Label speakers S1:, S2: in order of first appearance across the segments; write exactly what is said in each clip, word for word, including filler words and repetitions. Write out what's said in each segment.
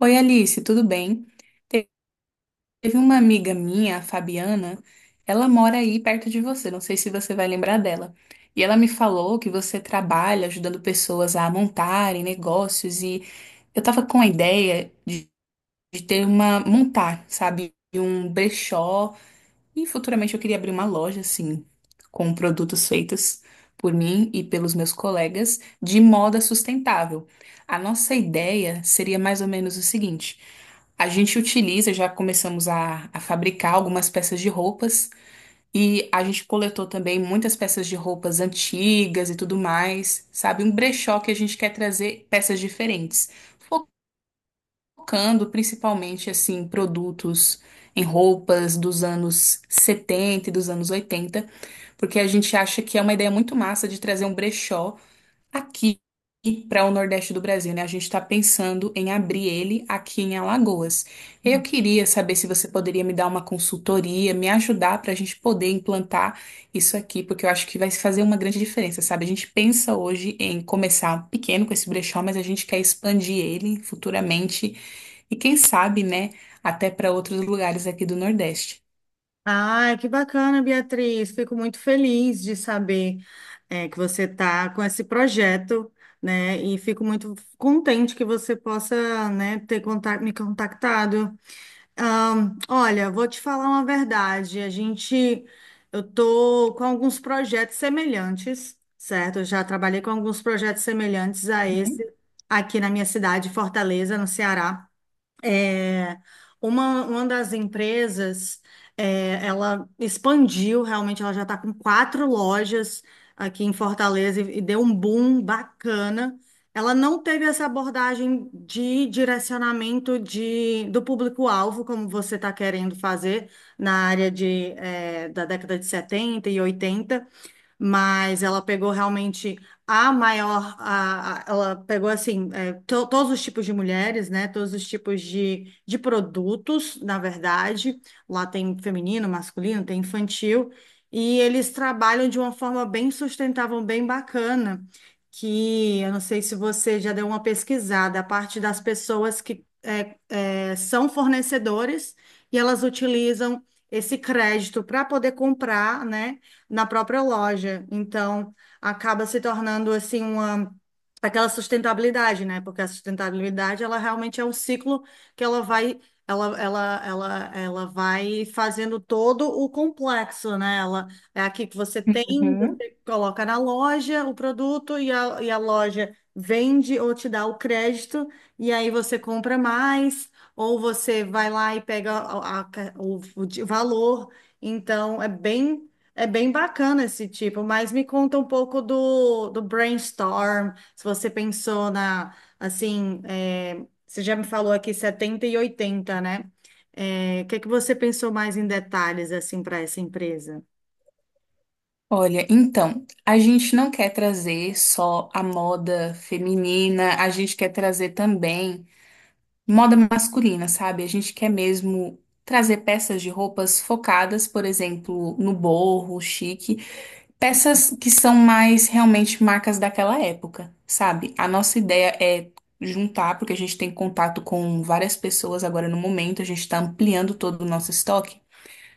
S1: Oi, Alice, tudo bem? Te- Teve uma amiga minha, a Fabiana, ela mora aí perto de você, não sei se você vai lembrar dela. E ela me falou que você trabalha ajudando pessoas a montarem negócios e eu tava com a ideia de, de ter uma, montar, sabe, um brechó e futuramente eu queria abrir uma loja, assim, com produtos feitos por mim e pelos meus colegas de moda sustentável. A nossa ideia seria mais ou menos o seguinte: a gente utiliza, já começamos a, a fabricar algumas peças de roupas e a gente coletou também muitas peças de roupas antigas e tudo mais, sabe? Um brechó que a gente quer trazer peças diferentes, focando principalmente assim em produtos, em roupas dos anos setenta e dos anos oitenta, porque a gente acha que é uma ideia muito massa de trazer um brechó aqui para o Nordeste do Brasil, né? A gente está pensando em abrir ele aqui em Alagoas. Eu queria saber se você poderia me dar uma consultoria, me ajudar para a gente poder implantar isso aqui, porque eu acho que vai fazer uma grande diferença, sabe? A gente pensa hoje em começar pequeno com esse brechó, mas a gente quer expandir ele futuramente e quem sabe, né, até para outros lugares aqui do Nordeste.
S2: Ai, que bacana, Beatriz. Fico muito feliz de saber é, que você está com esse projeto, né? E fico muito contente que você possa, né, ter contato, me contactado. Ahn, olha, vou te falar uma verdade. A gente, eu tô com alguns projetos semelhantes, certo? Eu já trabalhei com alguns projetos semelhantes a esse
S1: Uhum.
S2: aqui na minha cidade, Fortaleza, no Ceará. É, uma, uma das empresas, é, ela expandiu realmente, ela já está com quatro lojas aqui em Fortaleza e, e deu um boom bacana. Ela não teve essa abordagem de direcionamento de, do público-alvo, como você está querendo fazer na área de, é, da década de setenta e oitenta, mas ela pegou realmente a maior, a, a- ela pegou assim, é, to- todos os tipos de mulheres, né? Todos os tipos de, de produtos, na verdade. Lá tem feminino, masculino, tem infantil, e eles trabalham de uma forma bem sustentável, bem bacana. Que eu não sei se você já deu uma pesquisada, a parte das pessoas que. é, eh, são fornecedores e elas utilizam esse crédito para poder comprar, né, na própria loja. Então, acaba se tornando assim uma aquela sustentabilidade, né? Porque a sustentabilidade ela realmente é um ciclo que ela vai Ela, ela, ela, ela vai fazendo todo o complexo, né? Ela é aqui que você tem,
S1: Uhum.
S2: você coloca na loja o produto e a, e a loja vende ou te dá o crédito, e aí você compra mais, ou você vai lá e pega a- a ca- o, o de valor. Então, é bem, é bem bacana esse tipo. Mas me conta um pouco do, do brainstorm. Se você pensou na, assim, é, você já me falou aqui setenta e oitenta, né? É, o que que você pensou mais em detalhes, assim, para essa empresa?
S1: Olha, então, a gente não quer trazer só a moda feminina, a gente quer trazer também moda masculina, sabe? A gente quer mesmo trazer peças de roupas focadas, por exemplo, no boho, chique, peças que são mais realmente marcas daquela época, sabe? A nossa ideia é juntar, porque a gente tem contato com várias pessoas agora no momento, a gente está ampliando todo o nosso estoque.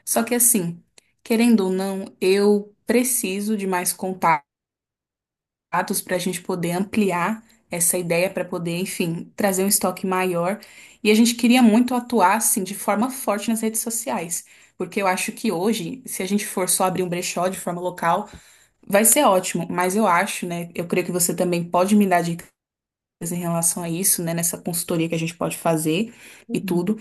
S1: Só que assim, querendo ou não, eu preciso de mais contatos para a gente poder ampliar essa ideia, para poder, enfim, trazer um estoque maior. E a gente queria muito atuar, assim, de forma forte nas redes sociais, porque eu acho que hoje, se a gente for só abrir um brechó de forma local, vai ser ótimo, mas eu acho, né? Eu creio que você também pode me dar dicas em relação a isso, né? Nessa consultoria que a gente pode fazer e
S2: Uhum.
S1: tudo.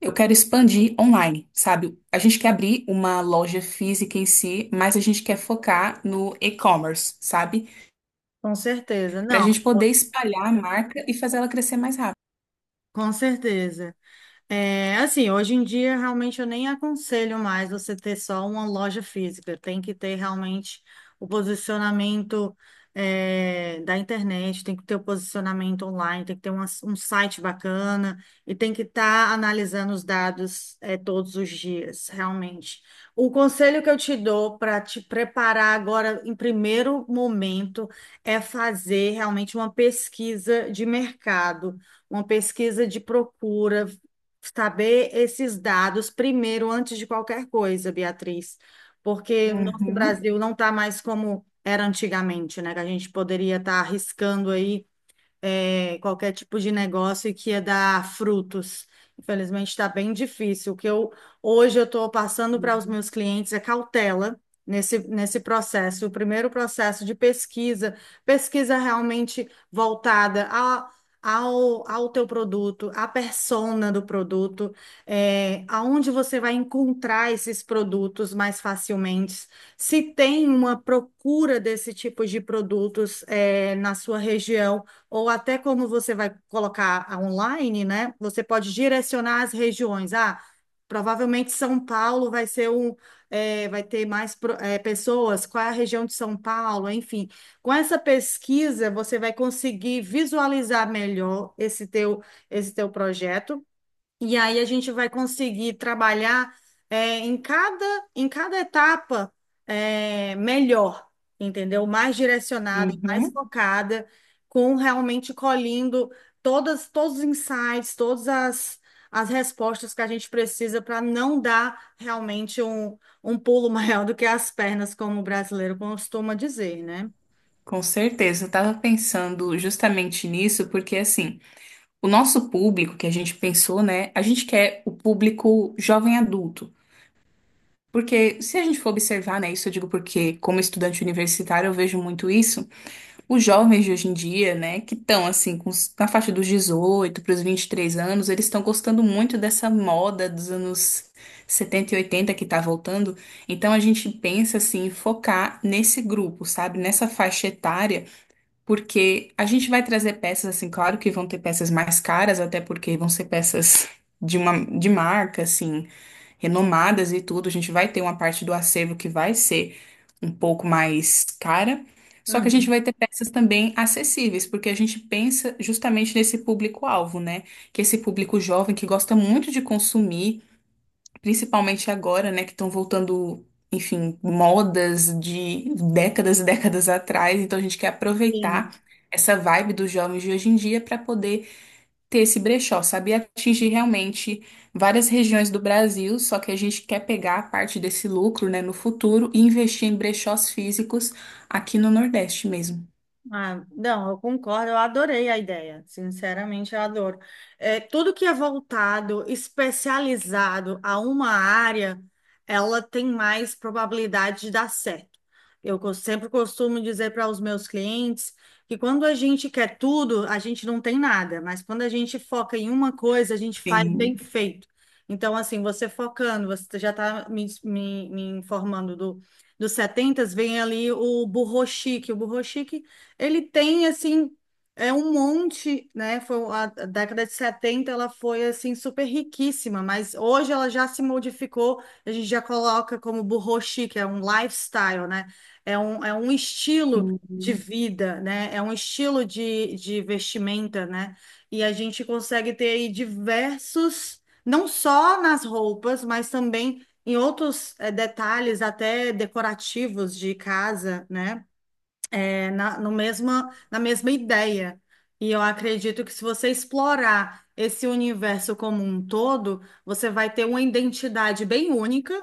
S1: Eu quero expandir online, sabe? A gente quer abrir uma loja física em si, mas a gente quer focar no e-commerce, sabe?
S2: Com certeza.
S1: Para a
S2: Não,
S1: gente poder espalhar a marca e fazer ela crescer mais rápido.
S2: com certeza. É, assim, hoje em dia realmente eu nem aconselho mais você ter só uma loja física. Tem que ter realmente o posicionamento é, da internet, tem que ter o posicionamento online, tem que ter uma- um site bacana e tem que estar analisando os dados é, todos os dias, realmente. O conselho que eu te dou para te preparar agora em primeiro momento é fazer realmente uma pesquisa de mercado, uma pesquisa de procura, saber esses dados primeiro, antes de qualquer coisa, Beatriz, porque o nosso
S1: Uhum.
S2: Brasil não está mais como era antigamente, né? Que a gente poderia estar arriscando aí é, qualquer tipo de negócio que ia dar frutos. Infelizmente, está bem difícil. O que eu hoje eu estou passando para os meus clientes é cautela nesse, nesse processo. O primeiro processo de pesquisa, pesquisa realmente voltada a- Ao, ao teu produto, à persona do produto, é, aonde você vai encontrar esses produtos mais facilmente, se tem uma procura desse tipo de produtos, é, na sua região, ou até como você vai colocar online, né? Você pode direcionar as regiões. Ah, provavelmente São Paulo vai ser um, é, vai ter mais pro- é, pessoas. Qual é a região de São Paulo? Enfim, com essa pesquisa você vai conseguir visualizar melhor esse teu, esse teu projeto. E aí a gente vai conseguir trabalhar é, em cada, em cada etapa é, melhor, entendeu? Mais direcionada, mais
S1: Uhum.
S2: focada, com realmente colhendo todas, todos os insights, todas as, as respostas que a gente precisa para não dar realmente um, um pulo maior do que as pernas, como o brasileiro costuma dizer, né?
S1: Com certeza, eu tava pensando justamente nisso, porque assim. O nosso público que a gente pensou, né? A gente quer o público jovem adulto. Porque se a gente for observar, né, isso eu digo porque, como estudante universitário, eu vejo muito isso. Os jovens de hoje em dia, né, que estão assim, com os- na faixa dos dezoito para os vinte e três anos, eles estão gostando muito dessa moda dos anos setenta e oitenta que tá voltando. Então a gente pensa assim, em focar nesse grupo, sabe? Nessa faixa etária, porque a gente vai trazer peças assim, claro que vão ter peças mais caras, até porque vão ser peças de uma de marca assim, renomadas e tudo. A gente vai ter uma parte do acervo que vai ser um pouco mais cara. Só que a gente
S2: Uhum.
S1: vai ter peças também acessíveis, porque a gente pensa justamente nesse público-alvo, né? Que é esse público jovem que gosta muito de consumir, principalmente agora, né, que estão voltando, enfim, modas de décadas e décadas atrás. Então a gente quer aproveitar
S2: Sim.
S1: essa vibe dos jovens de hoje em dia para poder ter esse brechó, sabe? E atingir realmente várias regiões do Brasil. Só que a gente quer pegar a parte desse lucro, né, no futuro e investir em brechós físicos aqui no Nordeste mesmo.
S2: Ah, não, eu concordo, eu adorei a ideia, sinceramente eu adoro. É, tudo que é voltado, especializado a uma área, ela tem mais probabilidade de dar certo. Eu co- sempre costumo dizer para os meus clientes que quando a gente quer tudo, a gente não tem nada, mas quando a gente foca em uma coisa, a gente faz bem
S1: Sim,
S2: feito. Então, assim, você focando, você já está me, me me informando do dos setenta, vem ali o burro chique. O burro ele tem, assim, é um monte, né? Foi a a década de setenta. Ela foi, assim, super riquíssima, mas hoje ela já se modificou, a gente já coloca como burro chic, é um lifestyle, né? É um, é um estilo de
S1: sim,
S2: vida, né? É um estilo de, de vestimenta, né? E a gente consegue ter aí diversos, não só nas roupas, mas também em outros, eh, detalhes até decorativos de casa, né? é, na, no mesma, na mesma ideia. E eu acredito que se você explorar esse universo como um todo, você vai ter uma identidade bem única,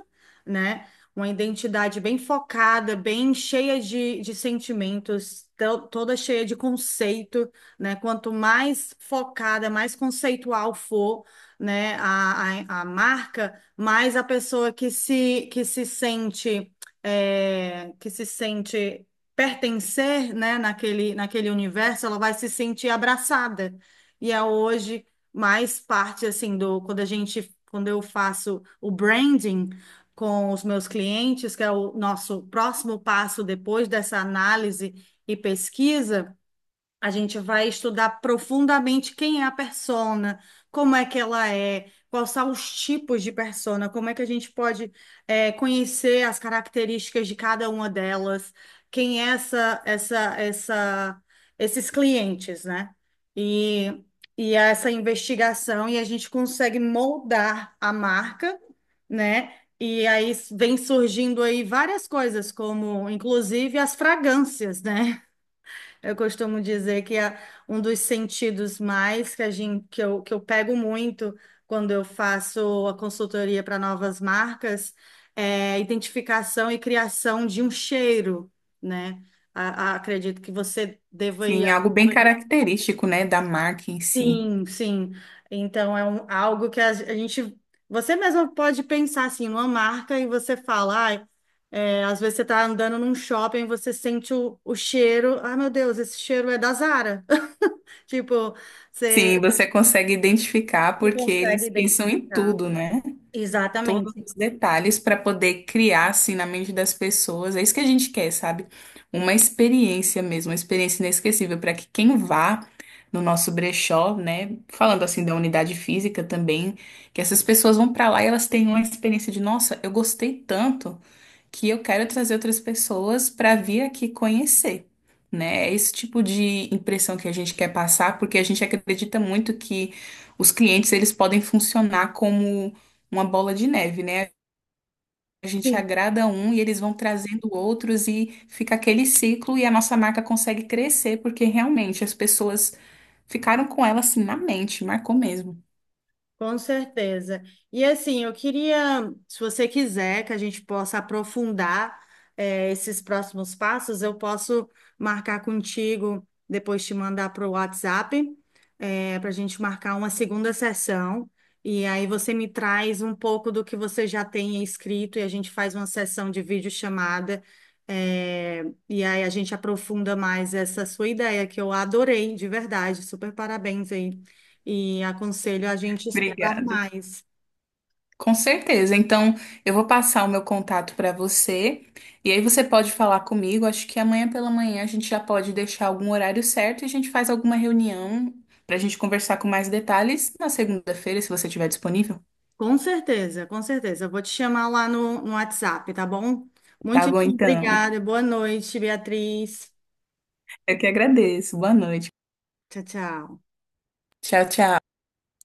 S2: né? Uma identidade bem focada, bem cheia de, de sentimentos, to- toda cheia de conceito, né? Quanto mais focada, mais conceitual for, né, a, a, a marca, mais a pessoa que se, que se sente é, que se sente pertencer, né, naquele, naquele universo, ela vai se sentir abraçada. E é hoje mais parte assim do quando a gente, quando eu faço o branding com os meus clientes, que é o nosso próximo passo depois dessa análise e pesquisa. A gente vai estudar profundamente quem é a persona, como é que ela é, quais são os tipos de persona, como é que a gente pode eh, conhecer as características de cada uma delas, quem é essa, essa, essa, esses clientes, né? E, e essa investigação, e a gente consegue moldar a marca, né? E aí vem surgindo aí várias coisas, como inclusive as fragrâncias, né? Eu costumo dizer que é um dos sentidos mais que a gente, que eu, que eu pego muito quando eu faço a consultoria para novas marcas é a identificação e criação de um cheiro, né? A- a- acredito que você deva ir
S1: sim, algo bem característico, né, da marca em si.
S2: assim, sim. Então é um- algo que a, a gente, você mesmo pode pensar assim, numa marca, e você fala, "Ai, é, às vezes você está andando num shopping, você sente o, o cheiro, ah, meu Deus, esse cheiro é da Zara." Tipo,
S1: Sim,
S2: você,
S1: você consegue identificar
S2: você
S1: porque
S2: consegue
S1: eles pensam em
S2: identificar.
S1: tudo, né? Todos
S2: Exatamente.
S1: os detalhes para poder criar assim na mente das pessoas. É isso que a gente quer, sabe? Uma experiência mesmo, uma experiência inesquecível para que quem vá no nosso brechó, né? Falando assim da unidade física também, que essas pessoas vão para lá e elas tenham uma experiência de, nossa, eu gostei tanto que eu quero trazer outras pessoas para vir aqui conhecer, né? É esse tipo de impressão que a gente quer passar, porque a gente acredita muito que os clientes eles podem funcionar como uma bola de neve, né? A gente
S2: Sim.
S1: agrada um e eles vão trazendo outros e fica aquele ciclo e a nossa marca consegue crescer, porque realmente as pessoas ficaram com ela assim na mente, marcou mesmo.
S2: Com certeza. E assim, eu queria, se você quiser, que a gente possa aprofundar, eh, esses próximos passos. Eu posso marcar contigo, depois te mandar para o WhatsApp, para a gente marcar uma segunda sessão. E aí você me traz um pouco do que você já tem escrito e a gente faz uma sessão de videochamada. eh, e aí a gente aprofunda mais essa sua ideia, que eu adorei, de verdade. Super parabéns aí, e aconselho a gente explorar
S1: Obrigada.
S2: mais.
S1: Com certeza. Então, eu vou passar o meu contato para você e aí você pode falar comigo. Acho que amanhã pela manhã a gente já pode deixar algum horário certo e a gente faz alguma reunião para a gente conversar com mais detalhes na segunda-feira, se você estiver disponível.
S2: Com certeza, com certeza. Eu vou te chamar lá no, no WhatsApp, tá bom?
S1: Tá
S2: Muito
S1: bom, então.
S2: obrigada. Boa noite, Beatriz.
S1: Eu que agradeço. Boa noite.
S2: Tchau, tchau.
S1: Tchau, tchau.